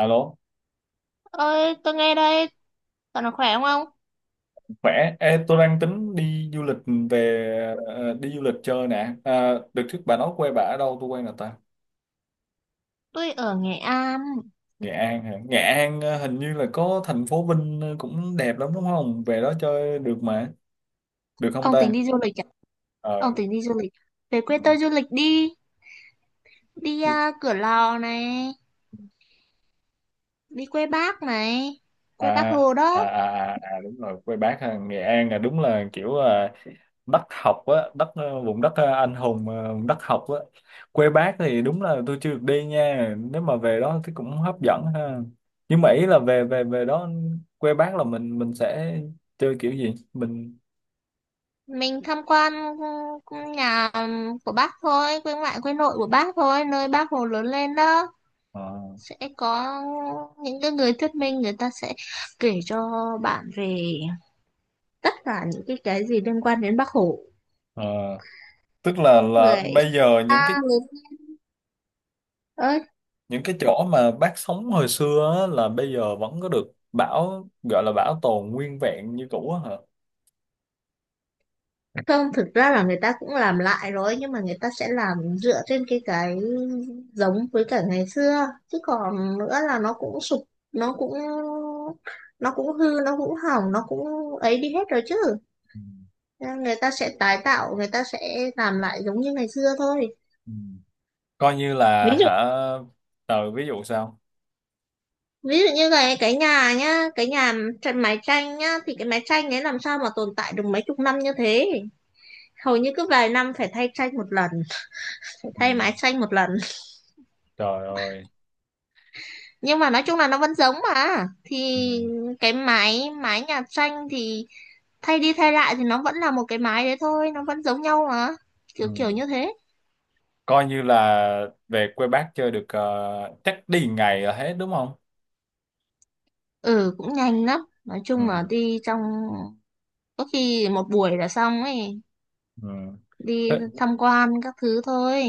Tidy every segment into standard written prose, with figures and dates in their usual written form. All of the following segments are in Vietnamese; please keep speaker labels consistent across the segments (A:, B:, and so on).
A: Alo,
B: Ơi, tôi nghe đây. Cậu nó khỏe không ông?
A: khỏe. Ê, tôi đang tính đi du lịch về, đi du lịch chơi nè. À, được trước bà nói quê bà ở đâu? Tôi quê nào ta?
B: Tôi ở Nghệ An.
A: Nghệ An hả? Nghệ An, hình như là có thành phố Vinh, cũng đẹp lắm đúng không? Về đó chơi được mà. Được không
B: Ông
A: ta?
B: tính đi du lịch à?
A: Ờ.
B: Ông tính đi du lịch, về quê tôi du lịch đi. Đi à, Cửa Lò này, đi quê Bác này,
A: À,
B: quê Bác Hồ
A: à,
B: đó.
A: à, à, à, đúng rồi, quê bác ha. Nghệ An là đúng là kiểu, đất học á, đất, vùng đất, anh hùng, vùng đất học á. Quê bác thì đúng là tôi chưa được đi nha, nếu mà về đó thì cũng hấp dẫn ha. Nhưng mà ý là về về về đó, quê bác là mình sẽ chơi kiểu gì mình.
B: Mình tham quan, ừ, nhà của Bác thôi, quê ngoại quê nội của Bác thôi, nơi Bác Hồ lớn lên đó.
A: Ờ,
B: Sẽ có những cái người thuyết minh, người ta sẽ kể cho bạn về tất cả những cái gì liên quan đến Bác Hồ.
A: ờ. Tức là
B: Người
A: bây giờ những
B: ta
A: cái,
B: người ơi
A: chỗ mà bác sống hồi xưa á, là bây giờ vẫn có được gọi là bảo tồn nguyên vẹn như cũ á hả?
B: Không, thực ra là người ta cũng làm lại rồi, nhưng mà người ta sẽ làm dựa trên cái giống với cả ngày xưa. Chứ còn nữa là nó cũng sụp, nó cũng nó cũng hư, nó cũng hỏng, nó cũng ấy đi hết rồi chứ.
A: Ừ.
B: Nên người ta sẽ tái tạo, người ta sẽ làm lại giống như ngày xưa thôi.
A: Ừ. Coi như
B: Ví
A: là
B: dụ,
A: hả, ví dụ sao?
B: ví dụ như cái nhà nhá, cái nhà tranh, mái tranh nhá, thì cái mái tranh ấy làm sao mà tồn tại được mấy chục năm như thế. Hầu như cứ vài năm phải thay tranh một lần, phải
A: Ừ.
B: thay mái tranh một lần.
A: Trời ơi.
B: Nhưng mà nói chung là nó vẫn giống mà, thì
A: Ừ.
B: cái máy máy nhà tranh thì thay đi thay lại thì nó vẫn là một cái máy đấy thôi, nó vẫn giống nhau mà, kiểu kiểu
A: Ừ.
B: như thế.
A: Coi như là về quê bác chơi được, chắc đi ngày là hết đúng không?
B: Ừ, cũng nhanh lắm, nói
A: Ừ.
B: chung là đi trong có khi một buổi là xong ấy,
A: Ừ.
B: đi
A: Thế-
B: tham quan các thứ thôi.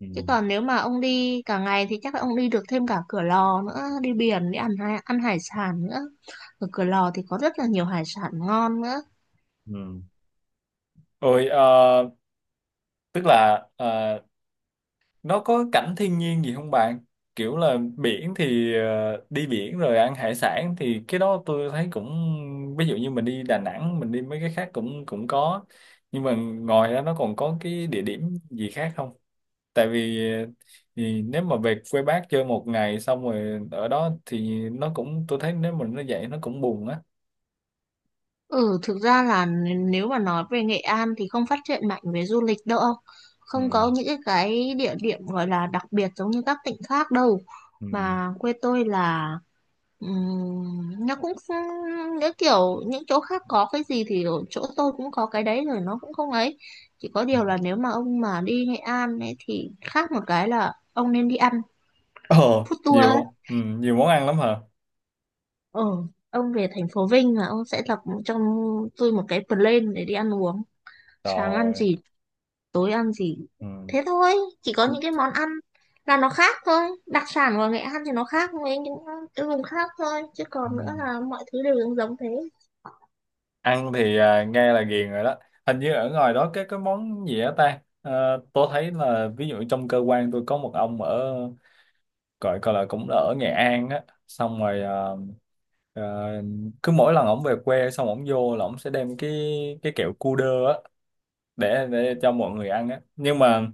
A: Ừ.
B: Chứ còn nếu mà ông đi cả ngày thì chắc là ông đi được thêm cả Cửa Lò nữa, đi biển, đi ăn hải sản nữa. Ở Cửa Lò thì có rất là nhiều hải sản ngon nữa.
A: Ừ. Rồi, tức là, nó có cảnh thiên nhiên gì không bạn? Kiểu là biển thì, đi biển rồi ăn hải sản thì cái đó tôi thấy cũng ví dụ như mình đi Đà Nẵng, mình đi mấy cái khác cũng cũng có, nhưng mà ngoài ra nó còn có cái địa điểm gì khác không? Tại vì thì nếu mà về quê bác chơi một ngày xong rồi ở đó thì nó cũng, tôi thấy nếu mình nó vậy nó cũng buồn á.
B: Ừ, thực ra là nếu mà nói về Nghệ An thì không phát triển mạnh về du lịch đâu.
A: Ừ.
B: Không có những cái địa điểm gọi là đặc biệt giống như các tỉnh khác đâu.
A: Ừ.
B: Mà quê tôi là nó cũng không, những kiểu những chỗ khác có cái gì thì ở chỗ tôi cũng có cái đấy rồi, nó cũng không ấy. Chỉ có
A: Ừ.
B: điều là nếu mà ông mà đi Nghệ An ấy thì khác một cái là ông nên đi ăn
A: Ờ,
B: food tour ấy.
A: nhiều món ăn lắm hả?
B: Ừ, ông về thành phố Vinh là ông sẽ lập cho tôi một cái plan để đi ăn uống, sáng ăn
A: Rồi.
B: gì, tối ăn gì,
A: Ừ.
B: thế thôi. Chỉ có những cái món ăn là nó khác thôi, đặc sản của Nghệ An thì nó khác với những cái vùng khác thôi, chứ
A: Ừ.
B: còn nữa là mọi thứ đều giống giống thế.
A: Ăn thì, nghe là ghiền rồi đó. Hình như ở ngoài đó cái món gì á ta. Ờ, tôi thấy là ví dụ trong cơ quan tôi có một ông ở, gọi coi là cũng ở Nghệ An á, xong rồi, Ờ, cứ mỗi lần ổng về quê xong ổng vô là ổng sẽ đem cái kẹo cu đơ á, để cho mọi người ăn á. Nhưng mà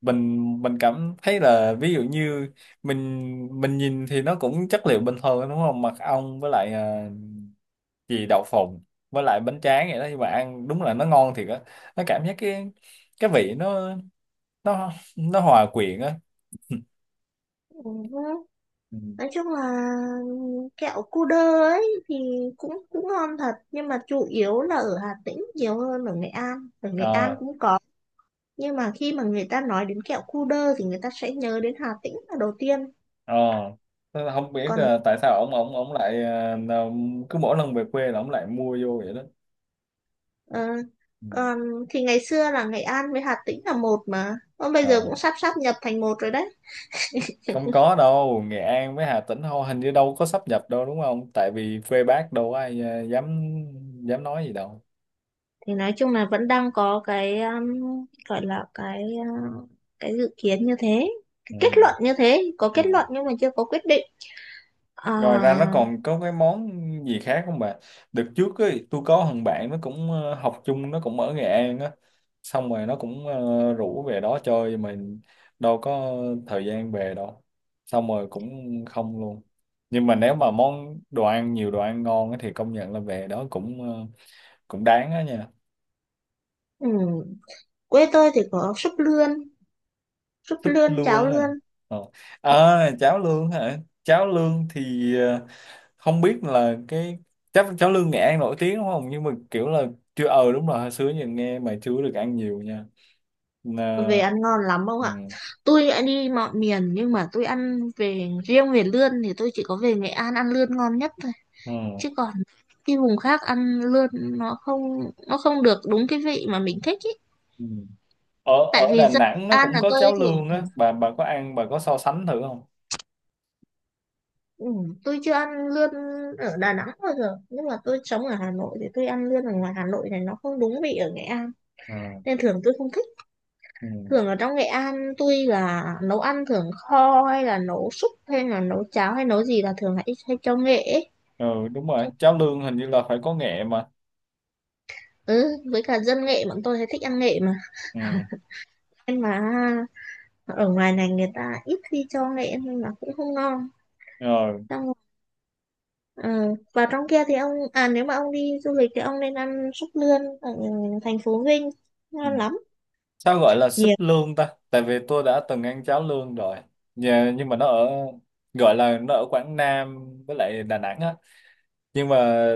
A: mình cảm thấy là ví dụ như mình nhìn thì nó cũng chất liệu bình thường đúng không, mật ong với lại, gì đậu phộng với lại bánh tráng vậy đó, nhưng mà ăn đúng là nó ngon thiệt á. Nó cảm giác cái vị nó nó hòa quyện á.
B: Ừ,
A: Ừ.
B: nói chung là kẹo cu đơ ấy thì cũng cũng ngon thật, nhưng mà chủ yếu là ở Hà Tĩnh nhiều hơn ở Nghệ An. Ở Nghệ An
A: Ờ,
B: cũng có, nhưng mà khi mà người ta nói đến kẹo cu đơ thì người ta sẽ nhớ đến Hà Tĩnh là đầu tiên.
A: ờ. Thế là không biết,
B: còn
A: tại sao ông lại, cứ mỗi lần về quê là ông lại mua vô vậy đó.
B: Ờ,
A: Ừ.
B: còn thì ngày xưa là Nghệ An với Hà Tĩnh là một mà, còn bây giờ
A: ờ
B: cũng sắp sắp nhập thành một rồi đấy.
A: Không có đâu, Nghệ An với Hà Tĩnh thôi, hình như đâu có sáp nhập đâu đúng không, tại vì quê bác đâu có ai, dám dám nói gì đâu.
B: Thì nói chung là vẫn đang có cái gọi là cái dự kiến như thế, cái kết
A: Ừ.
B: luận như thế, có
A: Ừ.
B: kết luận nhưng mà chưa có quyết định. À,
A: Ngoài ra nó còn có cái món gì khác không bà? Đợt trước ấy, tôi có thằng bạn nó cũng, học chung, nó cũng ở Nghệ An á. Xong rồi nó cũng, rủ về đó chơi mà đâu có thời gian về đâu. Xong rồi cũng không luôn. Nhưng mà nếu mà món đồ ăn, nhiều đồ ăn ngon á thì công nhận là về đó cũng đáng á nha.
B: ừ, quê tôi thì có súp lươn, súp
A: Súp
B: lươn cháo
A: lương ha.
B: lươn.
A: Ờ. À, cháo lương hả? Cháo lương thì, ờ, không biết là cái, chắc cháo lươn Nghệ An nổi tiếng đúng không, nhưng mà kiểu là chưa, đúng rồi, hồi xưa giờ nghe mà chưa được ăn nhiều nha. Nà,
B: Về ăn ngon lắm không
A: ừ,
B: ạ? Tôi đã đi mọi miền nhưng mà tôi ăn, về riêng về lươn thì tôi chỉ có về Nghệ An ăn lươn ngon nhất,
A: ừ,
B: chứ còn đi vùng khác ăn lươn nó không, nó không được đúng cái vị mà mình thích ý.
A: ừ. ở
B: Tại
A: ở
B: vì
A: Đà
B: dân
A: Nẵng nó
B: An
A: cũng
B: là
A: có
B: tôi
A: cháo lươn
B: thường,
A: á, bà có ăn, bà có so sánh thử không?
B: ừ, tôi chưa ăn lươn ở Đà Nẵng bao giờ, nhưng mà tôi sống ở Hà Nội thì tôi ăn lươn ở ngoài Hà Nội này nó không đúng vị ở Nghệ An,
A: Ừ,
B: nên thường tôi không thích.
A: ừ.
B: Thường ở trong Nghệ An tôi là nấu ăn thường kho, hay là nấu súp, hay là nấu cháo, hay nấu gì là thường hay cho nghệ ấy.
A: Ừ đúng rồi, cháo lươn hình như là phải có nghệ mà.
B: Ừ, với cả dân nghệ bọn tôi hay thích ăn nghệ mà,
A: Ừ.
B: nhưng mà ở ngoài này người ta ít khi cho nghệ nên là cũng không ngon.
A: Rồi.
B: Xong ờ, vào trong kia thì ông, à nếu mà ông đi du lịch thì ông nên ăn súp lươn ở thành phố Vinh,
A: Ừ.
B: ngon lắm
A: Sao gọi là súp
B: nhiều.
A: lươn ta, tại vì tôi đã từng ăn cháo lươn rồi. Dạ, nhưng mà nó ở, gọi là nó ở Quảng Nam với lại Đà Nẵng á, nhưng mà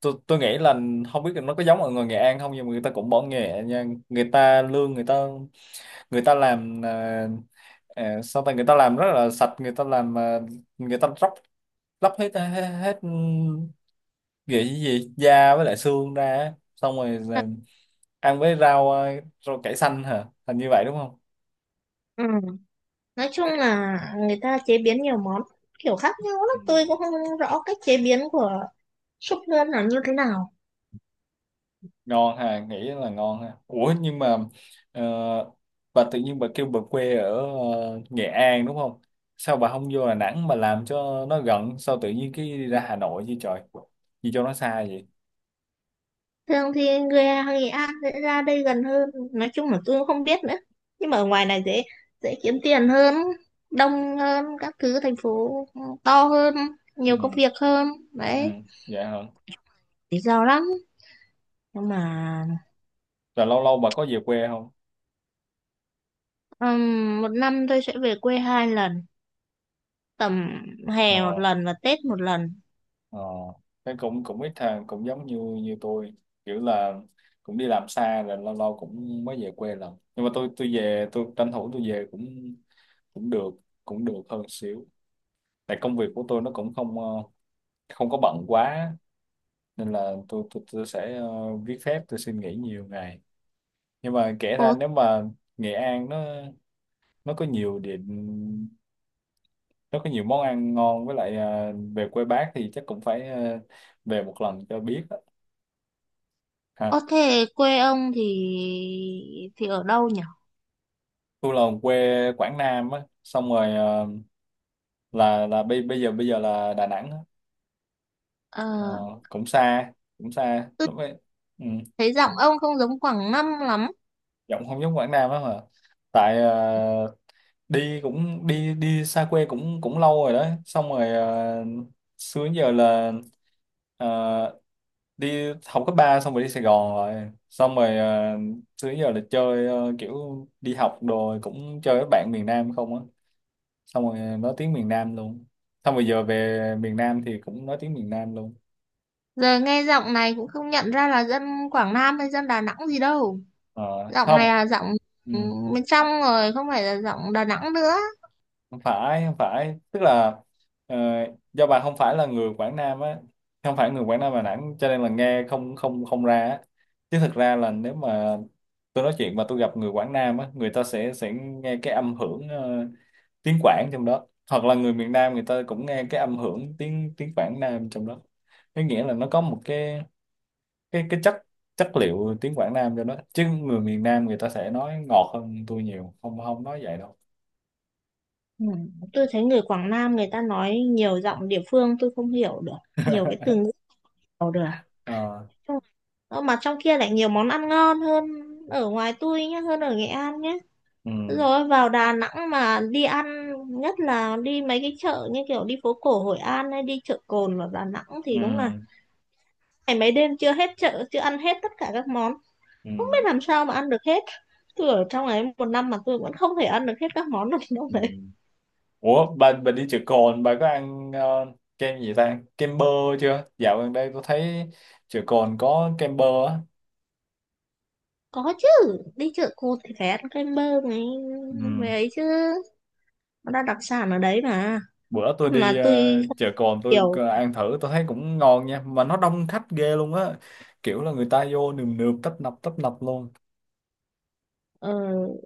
A: tôi nghĩ là không biết là nó có giống ở người Nghệ An không, nhưng mà người ta cũng bỏ nghề nha, người ta lương người ta, người ta làm, sao ta, người ta làm rất là sạch, người ta làm, người ta róc lóc hết hết, hết, gì gì da với lại xương ra á. Xong rồi là ăn với rau cải xanh hả, thành như vậy đúng không?
B: Ừ, nói chung là người ta chế biến nhiều món kiểu khác nhau lắm, tôi cũng không rõ cách chế biến của súp lươn là như thế nào.
A: Ngon ha, nghĩ là ngon ha. Ủa nhưng mà, ờ, bà tự nhiên bà kêu bà quê ở, Nghệ An đúng không, sao bà không vô Đà Nẵng mà làm cho nó gần, sao tự nhiên cái đi ra Hà Nội chứ trời, gì cho nó xa vậy?
B: Thường thì người Nghệ An sẽ ra đây gần hơn, nói chung là tôi cũng không biết nữa, nhưng mà ở ngoài này dễ dễ kiếm tiền hơn, đông hơn các thứ, thành phố to hơn, nhiều công
A: Ừ.
B: việc hơn
A: Ừ.
B: đấy,
A: Dạ hả?
B: lý do lắm. Nhưng mà
A: Rồi lâu lâu bà có về quê không?
B: ừm, một năm tôi sẽ về quê hai lần, tầm
A: Ờ.
B: hè một lần và Tết một lần.
A: Ờ. Cái cũng, ít thằng cũng giống như như tôi, kiểu là cũng đi làm xa rồi lâu lâu cũng mới về quê lần, nhưng mà tôi về tôi tranh thủ tôi về cũng cũng được cũng được hơn xíu, tại công việc của tôi nó cũng không ờ, không có bận quá, nên là tôi, tôi sẽ, viết phép tôi xin nghỉ nhiều ngày, nhưng mà kể ra
B: Ồ,
A: nếu mà Nghệ An nó có nhiều điểm, nó có nhiều món ăn ngon, với lại, về quê bác thì chắc cũng phải, về một lần cho biết á.
B: có
A: Ha.
B: thể quê ông thì ở đâu nhỉ?
A: Tôi là quê Quảng Nam á, xong rồi, là bây bây giờ là Đà Nẵng á. Ờ,
B: Ờ,
A: cũng xa cũng xa
B: tôi
A: đúng vậy. Ừ.
B: thấy giọng ông không giống Quảng Nam lắm.
A: Giọng không giống Quảng Nam lắm mà, tại, đi, cũng đi đi xa quê cũng cũng lâu rồi đó, xong rồi, xưa đến giờ là, ờ, đi học cấp 3 xong rồi đi Sài Gòn rồi, xong rồi, xưa đến giờ là chơi, kiểu đi học đồ rồi cũng chơi với bạn miền Nam không á, xong rồi nói tiếng miền Nam luôn, xong rồi giờ về miền Nam thì cũng nói tiếng miền Nam luôn.
B: Giờ nghe giọng này cũng không nhận ra là dân Quảng Nam hay dân Đà Nẵng gì đâu.
A: Ờ,
B: Giọng này
A: không.
B: là giọng
A: Ừ.
B: bên trong rồi, không phải là giọng Đà Nẵng nữa.
A: Không phải, không phải, tức là, ờ, do bà không phải là người Quảng Nam á, không phải người Quảng Nam Đà Nẵng cho nên là nghe không không không ra á. Chứ thực ra là nếu mà tôi nói chuyện mà tôi gặp người Quảng Nam á, người ta sẽ nghe cái âm hưởng, tiếng Quảng trong đó, hoặc là người miền Nam người ta cũng nghe cái âm hưởng tiếng tiếng Quảng Nam trong đó, có nghĩa là nó có một cái chất chất liệu tiếng Quảng Nam cho nó, chứ người miền Nam người ta sẽ nói ngọt hơn tôi nhiều, không không nói vậy đâu.
B: Tôi thấy người Quảng Nam người ta nói nhiều giọng địa phương tôi không hiểu được, nhiều cái từ ngữ không hiểu được.
A: Ờ,
B: Chung- Ờ, mà trong kia lại nhiều món ăn ngon hơn ở ngoài tôi nhé, hơn ở Nghệ An nhé.
A: ừ.
B: Rồi vào Đà Nẵng mà đi ăn, nhất là đi mấy cái chợ như kiểu đi phố cổ Hội An hay đi chợ Cồn ở Đà Nẵng thì
A: Ừ.
B: đúng là ngày mấy đêm chưa hết chợ, chưa ăn hết tất cả các món, không biết
A: Ừ.
B: làm sao mà ăn được hết. Tôi ở trong ấy một năm mà tôi vẫn không thể ăn được hết các món được đâu
A: Ừ.
B: đấy.
A: Ủa bà đi chợ cồn bà có ăn, kem gì ta, kem bơ chưa? Dạo gần đây tôi thấy chợ cồn có kem bơ á.
B: Có chứ, đi chợ Cồn thì phải ăn kem bơ này,
A: Ừ.
B: mấy ấy chứ, nó đã đặc sản ở đấy mà.
A: Bữa tôi đi,
B: Mà tôi không
A: chợ cồn tôi
B: hiểu.
A: có ăn thử tôi thấy cũng ngon nha, mà nó đông khách ghê luôn á, kiểu là người ta vô nườm nượp tấp nập luôn.
B: Ờ,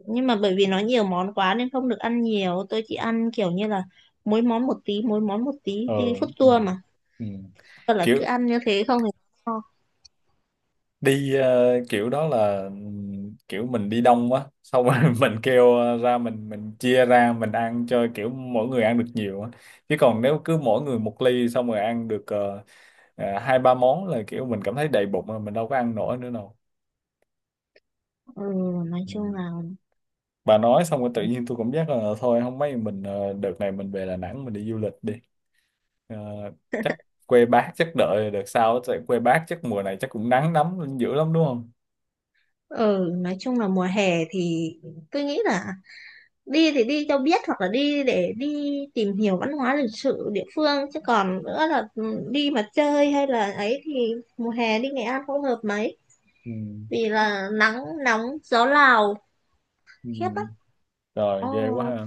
B: nhưng mà bởi vì nó nhiều món quá nên không được ăn nhiều, tôi chỉ ăn kiểu như là mỗi món một tí,
A: Ừ.
B: đi food
A: Ừ.
B: tour mà.
A: Ừ.
B: Thật là cứ
A: kiểu
B: ăn như thế không thì no.
A: Kiểu đó là, kiểu mình đi đông quá xong rồi, mình kêu, ra mình chia ra mình ăn cho kiểu mỗi người ăn được nhiều á, chứ còn nếu cứ mỗi người một ly xong rồi ăn được, hai ba món là kiểu mình cảm thấy đầy bụng rồi, mình đâu có ăn nổi nữa đâu.
B: ừ, nói chung
A: Ừm.
B: là
A: Bà nói xong rồi tự nhiên tôi cảm giác là thôi không mấy mình, đợt này mình về Đà Nẵng mình đi du lịch đi. Ờ, chắc quê bác chắc đợi đợt sau, tại quê bác chắc mùa này chắc cũng nắng lắm dữ lắm đúng không.
B: ừ, nói chung là mùa hè thì tôi nghĩ là đi thì đi cho biết, hoặc là đi để đi tìm hiểu văn hóa lịch sử địa phương, chứ còn nữa là ừ, đi mà chơi hay là ấy thì mùa hè đi Nghệ An không hợp mấy,
A: Ừm.
B: vì là nắng nóng, gió Lào
A: Ừ.
B: khiếp lắm.
A: Rồi ghê quá
B: Ồ,
A: ha.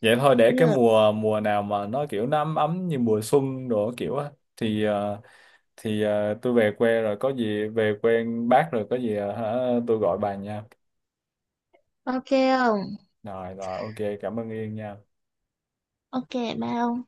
A: Vậy thôi để cái
B: như
A: mùa mùa nào mà nó kiểu nó ấm ấm như mùa xuân đồ kiểu á, thì ờ, tôi về quê rồi có gì, về quê bác rồi có gì, hả, tôi gọi bà nha.
B: ok, không.
A: Rồi rồi, ok, cảm ơn Yên nha.
B: Ok, ba ông.